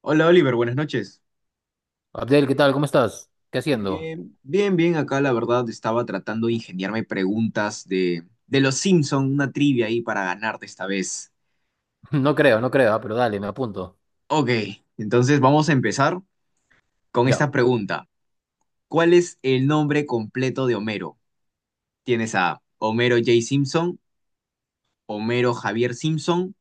Hola Oliver, buenas noches. Abdel, ¿qué tal? ¿Cómo estás? ¿Qué haciendo? Bien, bien, bien. Acá la verdad estaba tratando de ingeniarme preguntas de los Simpson, una trivia ahí para ganarte esta vez. No creo, no creo, ah, pero dale, me apunto. Ok, entonces vamos a empezar con Ya. esta pregunta. ¿Cuál es el nombre completo de Homero? ¿Tienes a Homero J. Simpson, Homero Javier Simpson,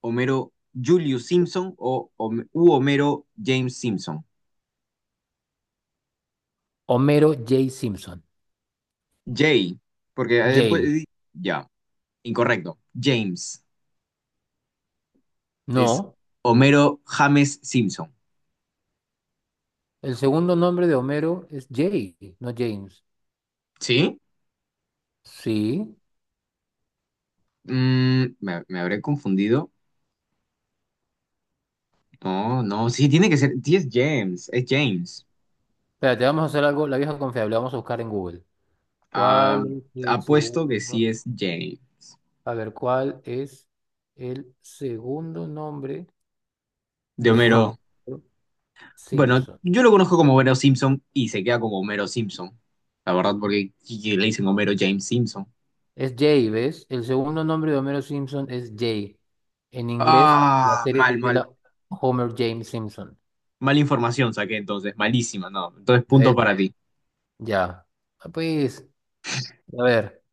Homero Julius Simpson o Hom- u Homero James Simpson? Homero J. Simpson. J, porque Jale. pues, ya, incorrecto. James. Es No. Homero James Simpson. El segundo nombre de Homero es Jay, no James. ¿Sí? Sí. Me habré confundido. No, no, sí, tiene que ser. Sí, es James, es James. Espérate, vamos a hacer algo, la vieja confiable, vamos a buscar en Google. Ah, ¿Cuál es el apuesto que segundo? sí es James. A ver, ¿cuál es el segundo nombre De de Homero. Homero Bueno, Simpson? yo lo conozco como Homero Simpson y se queda como Homero Simpson. La verdad, porque sí, sí, le dicen Homero James Simpson. Es Jay, ¿ves? El segundo nombre de Homero Simpson es Jay. En inglés, la Ah, serie mal, se mal. titula Homer James Simpson. Mal información saqué entonces, malísima, no. Entonces, ¿Ya punto ves? para ti. Ya. Ah, pues, a ver,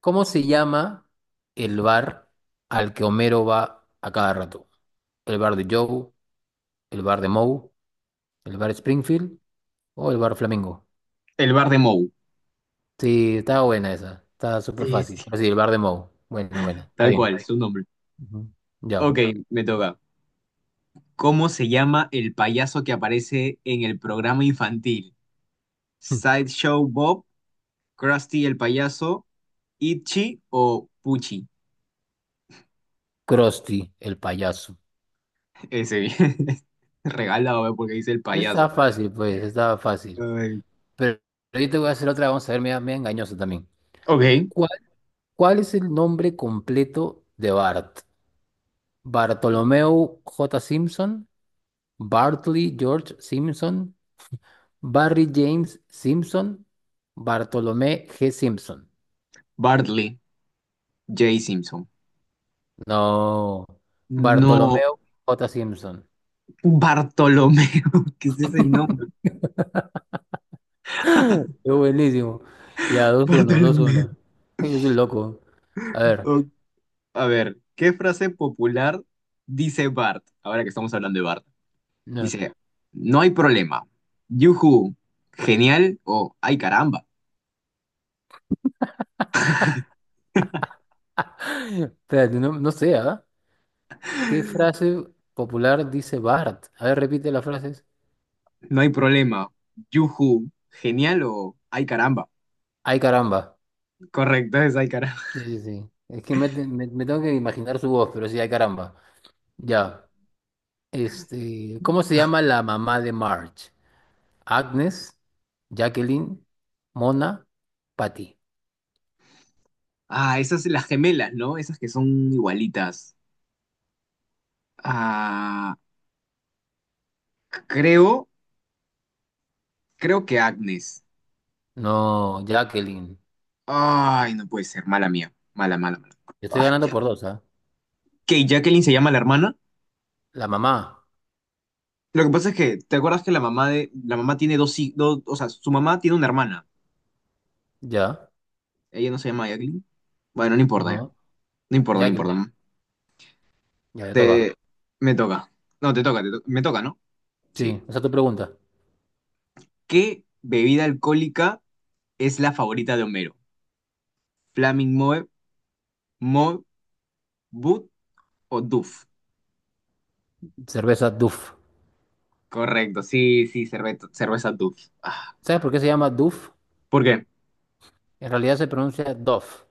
¿cómo se llama el bar al que Homero va a cada rato? ¿El bar de Joe? ¿El bar de Moe? ¿El bar Springfield? ¿O el bar Flamingo? El bar de Moe. Sí, está buena esa. Está súper Sí, fácil. sí. Pero sí, el bar de Moe. Buena, buena. Está Tal bien. cual, su nombre. Ujú. Ya. Ok, me toca. ¿Cómo se llama el payaso que aparece en el programa infantil? ¿Sideshow Bob, Krusty el payaso, Itchy o Pucci? Krusty, el payaso. Ese bien. Regalado, ¿eh? Porque dice el payaso. Está fácil, pues, está fácil. Ay. Pero ahorita te voy a hacer otra, vamos a ver, media, media engañosa también. Ok. ¿Cuál, cuál es el nombre completo de Bart? Bartolomeo J. Simpson, Bartley George Simpson, Barry James Simpson, Bartolomé G. Simpson. Bartley, Jay Simpson. No, No, Bartolomeo J. Simpson. Bartolomeo. ¿Qué es ese nombre? Es buenísimo. Ya, dos uno, dos Bartolomeo. uno. Es un loco. A ver. Ok, a ver, ¿qué frase popular dice Bart? Ahora que estamos hablando de Bart. No. Dice, no hay problema. Yuhu, genial o ay caramba. Espérate, no, no sé, ¿ah? ¿Qué frase popular dice Bart? A ver, repite las frases. No hay problema. Yuhu, genial o ay caramba. Ay, caramba. Correcto, es ay caramba. Sí, sí, sí. Es que me tengo que imaginar su voz, pero sí, ay, caramba. Ya. Este, ¿cómo se llama la mamá de Marge? Agnes, Jacqueline, Mona, Patty. Ah, esas las gemelas, ¿no? Esas que son igualitas. Ah, creo, creo que Agnes. No, Jacqueline. Ay, no puede ser, mala mía. Mala, mala, mala. Yo estoy Ay, ganando ya. por dos, ¿ah? ¿Que Jacqueline se llama la hermana? La mamá. Lo que pasa es que, ¿te acuerdas que la mamá de, la mamá tiene dos, dos, o sea, su mamá tiene una hermana. Ya. Ella no se llama Jacqueline. Bueno, no importa. No, No importa, no Jacqueline. importa. Ya le toca. Te, me toca. No, te toca, me toca, ¿no? Sí. Sí, esa es tu pregunta. ¿Qué bebida alcohólica es la favorita de Homero? ¿Flaming Moe, Moe, Boot o Duff? Cerveza Duff. Correcto, sí, sí, cerveza Duff. Ah, ¿Sabes por qué se llama Duff? ¿por qué? En realidad se pronuncia Duff.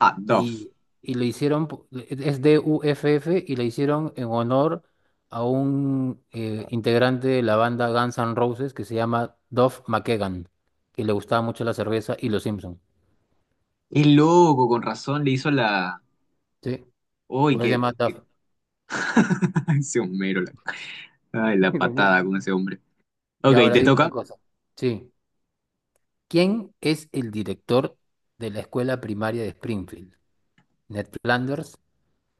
Ah, Duff. y, y le hicieron, es de UFF y le hicieron en honor a un integrante de la banda Guns N' Roses que se llama Duff McKagan, que le gustaba mucho la cerveza y los Simpsons. Es loco, con razón le hizo la... ¿Sí? Uy, Por eso se llama Duff. Ese Homero, la... Ay, la Lo muero. patada con ese hombre. Y Ok, ahora te dime una toca. cosa. Sí. ¿Quién es el director de la escuela primaria de Springfield? Ned Flanders,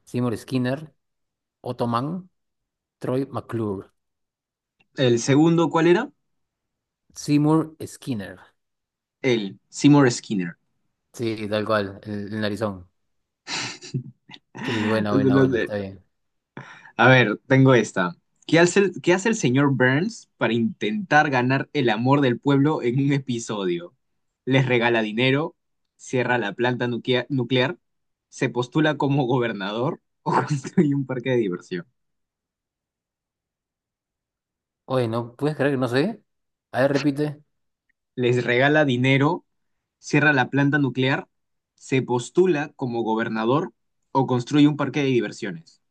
Seymour Skinner, Otto Mann, Troy McClure. El segundo, ¿cuál era? Seymour Skinner. El Seymour Skinner. Sí, tal cual, el narizón. Sí, bueno, bueno, bueno, está bien. A ver, tengo esta. Qué hace el señor Burns para intentar ganar el amor del pueblo en un episodio? ¿Les regala dinero? ¿Cierra la planta nuclear? ¿Se postula como gobernador o construye un parque de diversión? Oye, ¿no puedes creer que no sé? A ver, repite. ¿Les regala dinero? ¿Cierra la planta nuclear? ¿Se postula como gobernador o construye un parque de diversiones?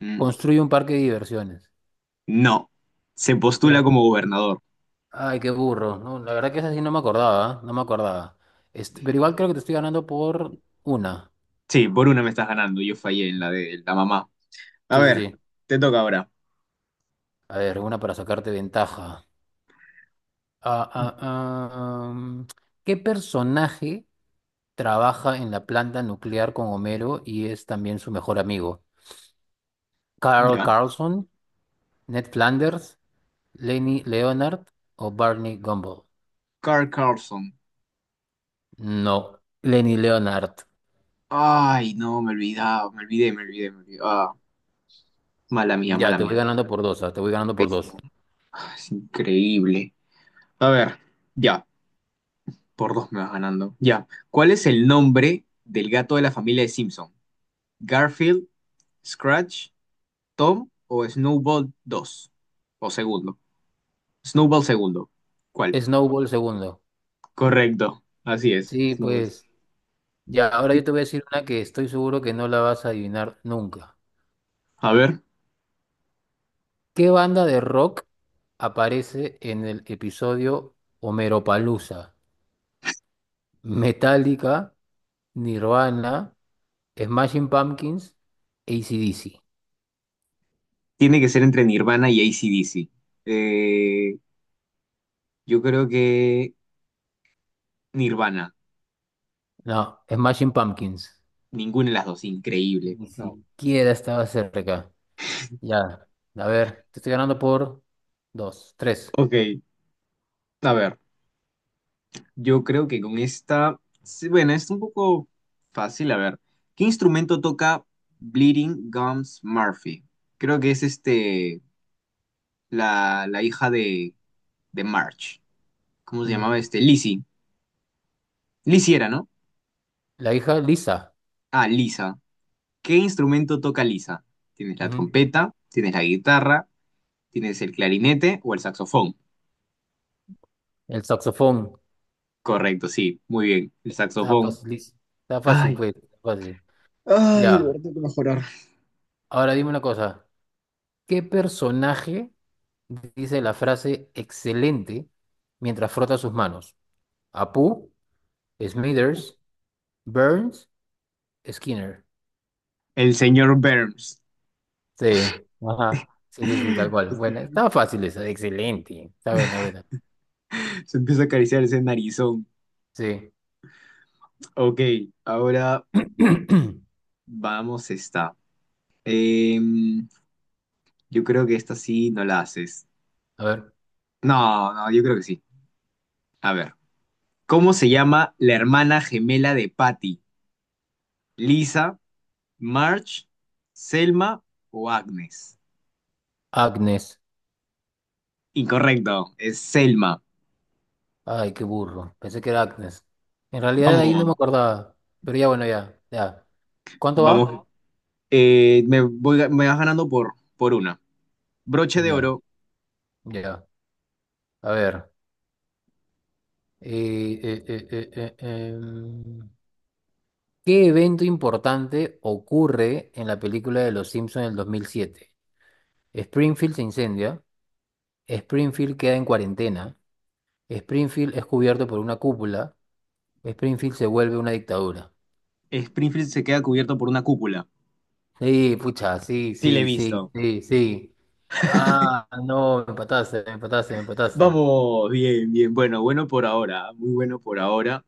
Mm, Construye un parque de diversiones. no, se postula Ya. como gobernador. Ay, qué burro. No, la verdad que esa sí no me acordaba, ¿ah? No me acordaba. Este, pero igual creo que te estoy ganando por una. Sí, por una me estás ganando. Yo fallé en la de la mamá. A Sí, sí, ver, sí. te toca ahora. A ver, una para sacarte ventaja. Ah, ah, ah, mm, ¿Qué personaje trabaja en la planta nuclear con Homero y es también su mejor amigo? ¿Carl Ya. Carlson, Ned Flanders, Lenny Leonard o Barney Gumble? Carl Carlson. No, Lenny Leonard. Ay, no, me olvidé. Ah, mala mía, Ya, mala te voy mía. ganando por dos, ah. Te voy ganando por dos. Pésimo. Ah, es increíble. A ver, ya. Por dos me vas ganando. Ya. ¿Cuál es el nombre del gato de la familia de Simpson? ¿Garfield, Scratch, Tom o Snowball dos. O segundo. Snowball segundo. ¿Cuál? Snowball segundo. Correcto. Así es. Sí, Snowball. pues. Ya, ahora yo Y- te voy a decir una que estoy seguro que no la vas a adivinar nunca. A ver. ¿Qué banda de rock aparece en el episodio Homeropalooza? Metallica, Nirvana, Smashing Pumpkins, AC/DC. Tiene que ser entre Nirvana y AC/DC. Eh, yo creo que Nirvana. No, Smashing Pumpkins. Ninguna de las dos. Increíble. Ni No. siquiera estaba cerca. Ya, a ver, te estoy ganando por dos, tres. Ok. A ver. Yo creo que con esta. Sí, bueno, es un poco fácil. A ver. ¿Qué instrumento toca Bleeding Gums Murphy? Creo que es este. La hija de Marge. ¿Cómo se Mm. llamaba este? Lizzie. Lizzie era, ¿no? La hija Lisa. Ah, Lisa. ¿Qué instrumento toca Lisa? Tienes la Ujú. trompeta, tienes la guitarra, tienes el clarinete o el saxofón. El saxofón. Correcto, sí, muy bien. El Está saxofón. fácil, está fácil, Ay, pues. Está fácil. ay, de Ya. verdad tengo que mejorar. Ahora dime una cosa. ¿Qué personaje dice la frase excelente mientras frota sus manos? ¿Apu, Smithers, Burns, Skinner? El señor Burns. Sí. Ajá. Sí, sí, sí, tal cual. Bueno, estaba fácil esa. Excelente. Está buena, buena. Se empieza a acariciar ese narizón. Sí. Ok, ahora vamos esta. Em, yo creo que esta sí no la haces. A ver. No, no, yo creo que sí. A ver, ¿cómo se llama la hermana gemela de Patty? ¿Lisa, Marge, Selma o Agnes? Agnes. Incorrecto, es Selma. Ay, qué burro. Pensé que era Agnes. En realidad ahí Vamos. no me acordaba. Pero ya, bueno, ya, ya. ¿Cuánto va? Vamos, me vas ganando por una. Broche de Ya, oro, ya. A ver. eh, eh, eh, eh, eh, em, ¿Qué evento importante ocurre en la película de Los Simpsons del 2007? Springfield se incendia. Springfield queda en cuarentena. Springfield es cubierto por una cúpula. Springfield se vuelve una dictadura. Springfield se queda cubierto por una cúpula. Sí, pucha, sí, Sí, le he sí, sí, visto. sí, sí. Ah, no, me empataste, me empataste, me empataste. Vamos, bien, bien. Bueno, bueno por ahora, muy bueno por ahora.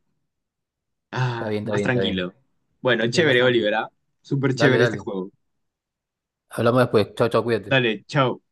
Está Ah, bien, está más bien, está bien. tranquilo. Bueno, Ya más chévere, tranquilo. Olivera. Súper Dale, chévere este dale. juego. Hablamos después. Chao, chao, cuídate. Dale, chao.